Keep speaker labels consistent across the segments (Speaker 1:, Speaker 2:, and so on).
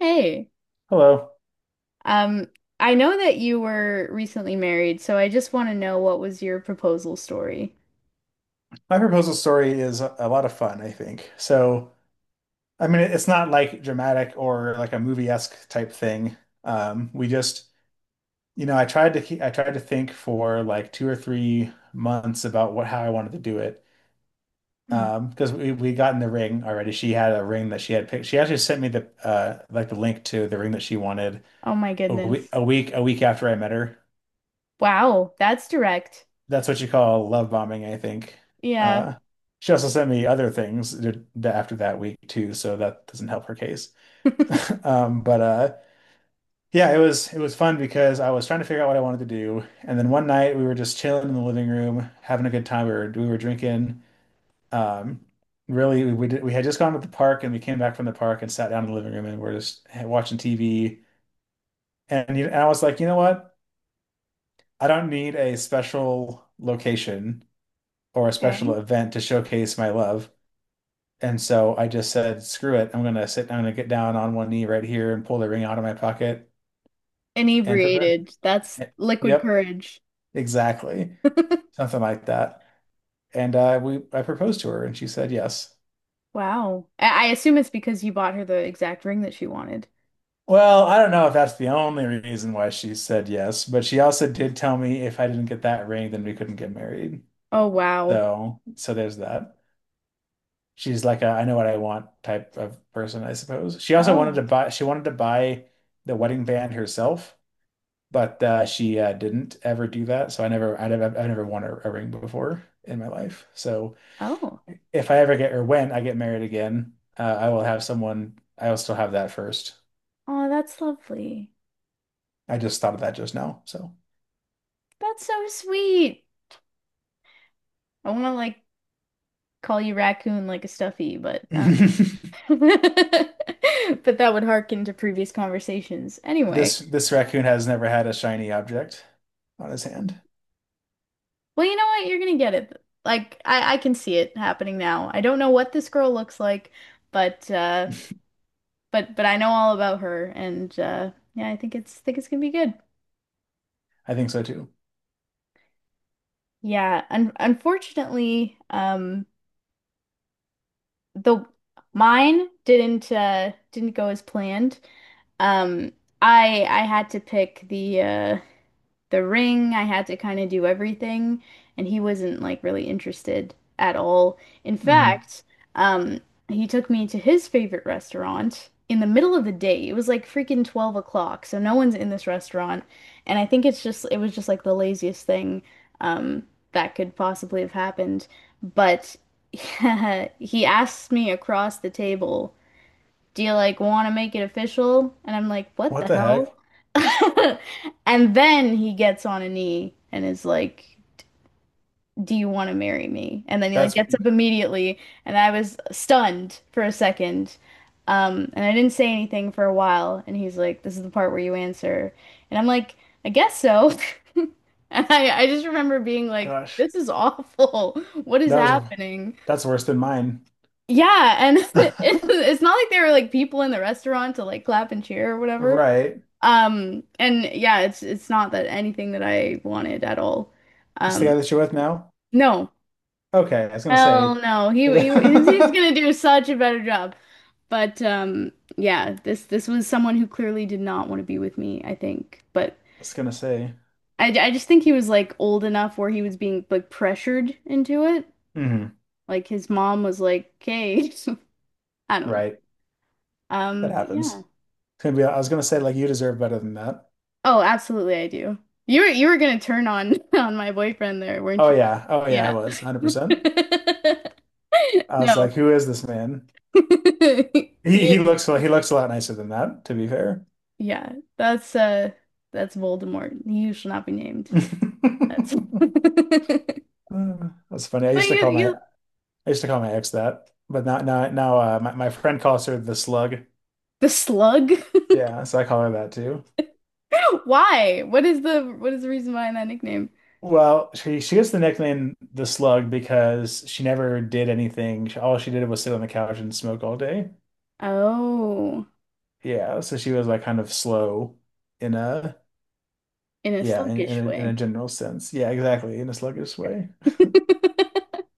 Speaker 1: Hey,
Speaker 2: Hello.
Speaker 1: um, I know that you were recently married, so I just want to know what was your proposal story?
Speaker 2: My proposal story is a lot of fun, I think. So, I mean, it's not like dramatic or like a movie-esque type thing. Um, we just, I tried to keep, I tried to think for like 2 or 3 months about what how I wanted to do it.
Speaker 1: Hmm.
Speaker 2: Because we got in the ring already. She had a ring that she had picked. She actually sent me the like the link to the ring that she wanted
Speaker 1: Oh my goodness.
Speaker 2: a week after I met her.
Speaker 1: Wow, that's direct.
Speaker 2: That's what you call love bombing, I think.
Speaker 1: Yeah.
Speaker 2: Uh, she also sent me other things after that week too, so that doesn't help her case. But yeah, it was fun because I was trying to figure out what I wanted to do, and then one night we were just chilling in the living room, having a good time. We were drinking. Um, really, we had just gone to the park, and we came back from the park and sat down in the living room, and we're just watching TV. And I was like, you know what? I don't need a special location or a special
Speaker 1: Okay.
Speaker 2: event to showcase my love. And so I just said, screw it. I'm going to get down on one knee right here and pull the ring out of my pocket and prevent
Speaker 1: Inebriated. That's
Speaker 2: it.
Speaker 1: liquid
Speaker 2: Yep,
Speaker 1: courage.
Speaker 2: exactly. Something like that. I proposed to her and she said yes.
Speaker 1: Wow. I assume it's because you bought her the exact ring that she wanted.
Speaker 2: Well, I don't know if that's the only reason why she said yes, but she also did tell me if I didn't get that ring, then we couldn't get married.
Speaker 1: Oh, wow.
Speaker 2: So, there's that. She's like a I know what I want type of person, I suppose.
Speaker 1: Oh,
Speaker 2: She wanted to buy the wedding band herself, but she didn't ever do that. So I've never won a ring before in my life. So
Speaker 1: Oh.
Speaker 2: if I ever get or when I get married again, I will have someone I will still have that first.
Speaker 1: Oh, that's lovely.
Speaker 2: I just thought of that just now. So
Speaker 1: That's so sweet. I want to like call you raccoon like a stuffy, but But
Speaker 2: this
Speaker 1: that would harken to previous conversations. Anyway,
Speaker 2: this raccoon has never had a shiny object on his hand.
Speaker 1: well, you know what? You're gonna get it. Like I can see it happening now. I don't know what this girl looks like, but but I know all about her and yeah, I think it's gonna be good.
Speaker 2: I think so too.
Speaker 1: Yeah, un unfortunately, the mine didn't go as planned. Um I had to pick the ring. I had to kind of do everything, and he wasn't like really interested at all. In
Speaker 2: Hmm.
Speaker 1: fact, um, he took me to his favorite restaurant in the middle of the day. It was like freaking 12 o'clock, so no one's in this restaurant. And I think it was just like the laziest thing um, that could possibly have happened. But he asked me across the table, do you like want to make it official? And I'm like, what
Speaker 2: What
Speaker 1: the
Speaker 2: the
Speaker 1: hell?
Speaker 2: heck?
Speaker 1: And then he gets on a knee and is like, do you want to marry me? And then he like
Speaker 2: That's
Speaker 1: gets up immediately, and I was stunned for a second. And I didn't say anything for a while, and he's like, this is the part where you answer. And I'm like, I guess so. And I just remember being like,
Speaker 2: gosh.
Speaker 1: this is awful. What is
Speaker 2: That was
Speaker 1: happening?
Speaker 2: that's worse than mine.
Speaker 1: Yeah, and it's it's not like there were like people in the restaurant to like clap and cheer or whatever.
Speaker 2: Right.
Speaker 1: And yeah, it's not that anything that I wanted at all.
Speaker 2: It's the
Speaker 1: Um,
Speaker 2: guy that you're with now?
Speaker 1: no,
Speaker 2: Okay, I was gonna
Speaker 1: hell
Speaker 2: say.
Speaker 1: no. He's
Speaker 2: I
Speaker 1: gonna do such a better job. But yeah, this was someone who clearly did not want to be with me, I think. But
Speaker 2: was gonna say.
Speaker 1: I just think he was like old enough where he was being like pressured into it.
Speaker 2: Hmm.
Speaker 1: Like his mom was like, "Okay," I don't know.
Speaker 2: Right. That
Speaker 1: But yeah.
Speaker 2: happens. It's gonna be I was gonna say like you deserve better than that.
Speaker 1: Oh, absolutely, I do. You were gonna turn on on my boyfriend there, weren't
Speaker 2: Oh
Speaker 1: you?
Speaker 2: yeah. Oh yeah, I
Speaker 1: Yeah.
Speaker 2: was 100%. I was
Speaker 1: No.
Speaker 2: like, who is this man? He
Speaker 1: You-
Speaker 2: he looks he looks a lot nicer than that, to be fair.
Speaker 1: Yeah, that's Voldemort. You shall not be named. That's But
Speaker 2: That's funny.
Speaker 1: you you
Speaker 2: I used to call my ex that, but now now now my friend calls her the slug.
Speaker 1: the slug?
Speaker 2: Yeah, so I call her that.
Speaker 1: Why? What is the reason behind that nickname?
Speaker 2: Well, she gets the nickname the Slug because she never did anything. All she did was sit on the couch and smoke all day.
Speaker 1: Oh,
Speaker 2: Yeah, so she was like kind of slow in a
Speaker 1: in a
Speaker 2: yeah,
Speaker 1: sluggish
Speaker 2: in
Speaker 1: way.
Speaker 2: a general sense. Yeah, exactly, in a sluggish way.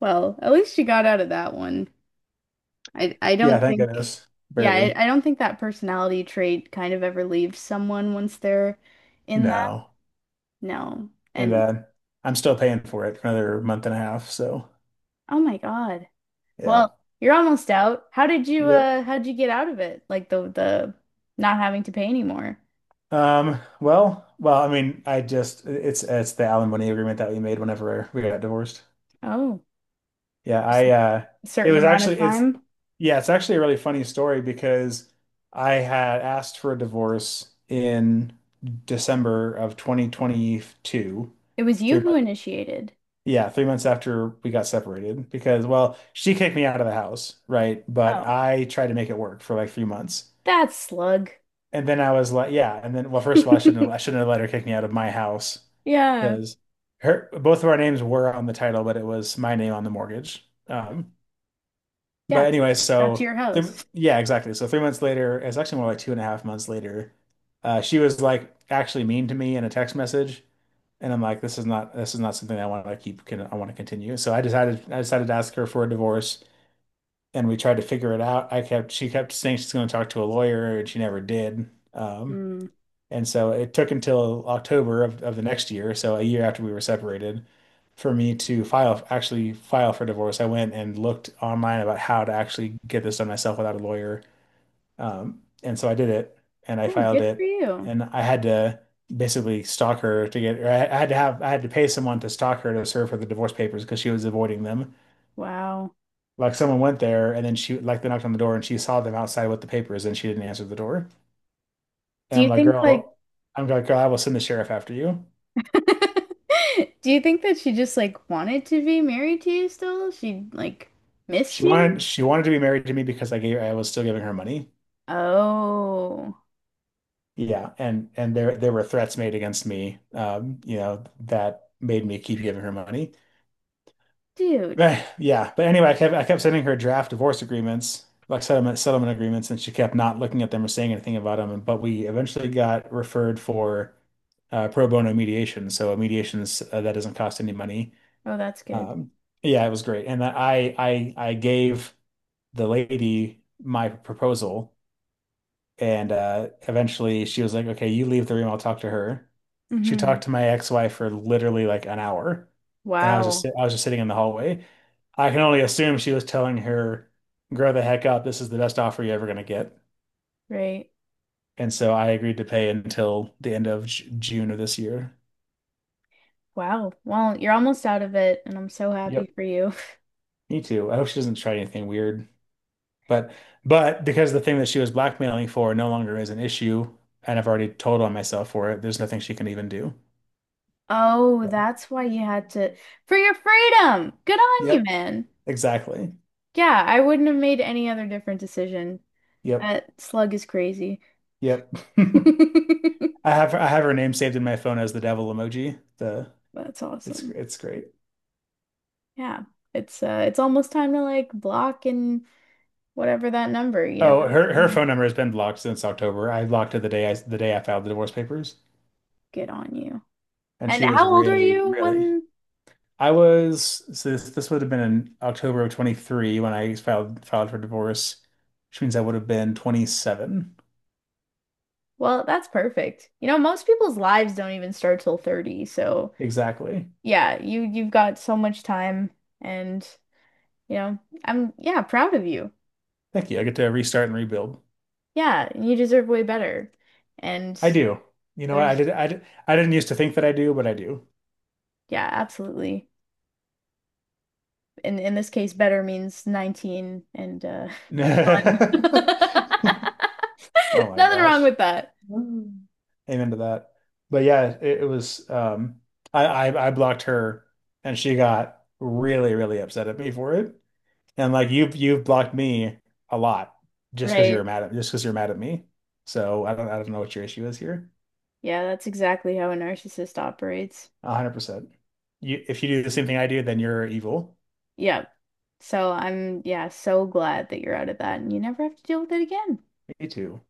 Speaker 1: Well, at least you got out of that one. I
Speaker 2: Yeah,
Speaker 1: don't
Speaker 2: thank
Speaker 1: think
Speaker 2: goodness.
Speaker 1: yeah,
Speaker 2: Barely.
Speaker 1: I don't think that personality trait kind of ever leaves someone once they're in that.
Speaker 2: No.
Speaker 1: No.
Speaker 2: And
Speaker 1: And
Speaker 2: I'm still paying for it for another month and a half, so
Speaker 1: oh my God.
Speaker 2: yeah.
Speaker 1: Well, you're almost out.
Speaker 2: Yep.
Speaker 1: How did you get out of it? Like the not having to pay anymore.
Speaker 2: I mean, I just it's the alimony agreement that we made whenever we got divorced.
Speaker 1: Oh,
Speaker 2: Yeah,
Speaker 1: just a
Speaker 2: I
Speaker 1: certain amount of
Speaker 2: it's
Speaker 1: time.
Speaker 2: yeah, it's actually a really funny story because I had asked for a divorce in December of 2022,
Speaker 1: It was
Speaker 2: three
Speaker 1: you who
Speaker 2: months
Speaker 1: initiated.
Speaker 2: yeah, 3 months after we got separated because well, she kicked me out of the house, right? But
Speaker 1: Oh,
Speaker 2: I tried to make it work for like 3 months.
Speaker 1: that's slug.
Speaker 2: And then I was like, yeah, and then well, first of all, I shouldn't have let her kick me out of my house
Speaker 1: Yeah.
Speaker 2: because her both of our names were on the title, but it was my name on the mortgage. But
Speaker 1: Yes.
Speaker 2: anyway,
Speaker 1: That's your house.
Speaker 2: yeah, exactly. So 3 months later, it's actually more like two and a half months later, she was like actually mean to me in a text message, and I'm like, this is not something I want to keep. Can I want to continue? So I decided to ask her for a divorce, and we tried to figure it out. I kept she kept saying she's going to talk to a lawyer, and she never did.
Speaker 1: Hmm.
Speaker 2: And so it took until October of the next year, so a year after we were separated, for me to file, actually file for divorce. I went and looked online about how to actually get this done myself without a lawyer. And so I did it and I
Speaker 1: Yeah,
Speaker 2: filed
Speaker 1: good for
Speaker 2: it.
Speaker 1: you.
Speaker 2: And I had to basically stalk her to get, or I had to have, I had to pay someone to stalk her to serve her the divorce papers because she was avoiding them.
Speaker 1: Wow.
Speaker 2: Like someone went there and then she, like they knocked on the door and she saw them outside with the papers and she didn't answer the door.
Speaker 1: Do
Speaker 2: And
Speaker 1: you think like
Speaker 2: I'm like, girl, I will send the sheriff after you.
Speaker 1: do you think that she just like wanted to be married to you still? She like missed you?
Speaker 2: She wanted to be married to me because I was still giving her money.
Speaker 1: Oh,
Speaker 2: Yeah, and there were threats made against me, you know, that made me keep giving her money.
Speaker 1: dude.
Speaker 2: But yeah, but anyway, I kept sending her draft divorce agreements, like settlement agreements, and she kept not looking at them or saying anything about them. But we eventually got referred for pro bono mediation, so a mediation is, that doesn't cost any money.
Speaker 1: Oh, that's good.
Speaker 2: Um, yeah, it was great, and I gave the lady my proposal. And eventually she was like, okay, you leave the room. I'll talk to her. She
Speaker 1: Hmm.
Speaker 2: talked to my ex-wife for literally like an hour. And I was just,
Speaker 1: Wow.
Speaker 2: I was just sitting in the hallway. I can only assume she was telling her, grow the heck up. This is the best offer you're ever going to get.
Speaker 1: Right.
Speaker 2: And so I agreed to pay until the end of J June of this year.
Speaker 1: Wow. Well, you're almost out of it, and I'm so happy
Speaker 2: Yep.
Speaker 1: for you.
Speaker 2: Me too. I hope she doesn't try anything weird. But, but because the thing that she was blackmailing for no longer is an issue, and I've already told on myself for it, there's nothing she can even do.
Speaker 1: Oh,
Speaker 2: Yeah.
Speaker 1: that's why you had to for your freedom. Good on you,
Speaker 2: Yep.
Speaker 1: man.
Speaker 2: Exactly.
Speaker 1: Yeah, I wouldn't have made any other different decision.
Speaker 2: Yep.
Speaker 1: That slug is crazy.
Speaker 2: Yep. I I have her name saved in my phone as the devil emoji. The
Speaker 1: That's
Speaker 2: it's
Speaker 1: awesome.
Speaker 2: great.
Speaker 1: Yeah. It's almost time to like block and whatever that number, you never
Speaker 2: Oh,
Speaker 1: have to
Speaker 2: her
Speaker 1: be
Speaker 2: phone number has been blocked since October. I blocked her the day I filed the divorce papers,
Speaker 1: get on you.
Speaker 2: and
Speaker 1: And
Speaker 2: she was
Speaker 1: how old are
Speaker 2: really
Speaker 1: you
Speaker 2: really.
Speaker 1: when
Speaker 2: I was so this would have been in October of 23 when I filed for divorce, which means I would have been 27
Speaker 1: well, that's perfect. You know, most people's lives don't even start till 30, so
Speaker 2: exactly.
Speaker 1: yeah, you've got so much time and you know, I'm yeah, proud of you.
Speaker 2: Thank you. I get to restart and rebuild.
Speaker 1: Yeah, you deserve way better. And
Speaker 2: I do. You know, what?
Speaker 1: there's
Speaker 2: I did, I didn't used to think that I do, but I do.
Speaker 1: yeah, absolutely. In this case, better means 19 and fun.
Speaker 2: Oh my
Speaker 1: Nothing wrong
Speaker 2: gosh.
Speaker 1: with that.
Speaker 2: Mm. Amen to that. But yeah, it was I blocked her and she got really, really upset at me for it. And like you've blocked me a lot just because you're
Speaker 1: Right.
Speaker 2: mad at just because you're mad at me. So I don't know what your issue is here.
Speaker 1: Yeah, that's exactly how a narcissist operates.
Speaker 2: 100%. You if you do the same thing I do, then you're evil.
Speaker 1: Yep. So I'm, yeah, so glad that you're out of that and you never have to deal with it again.
Speaker 2: Me too.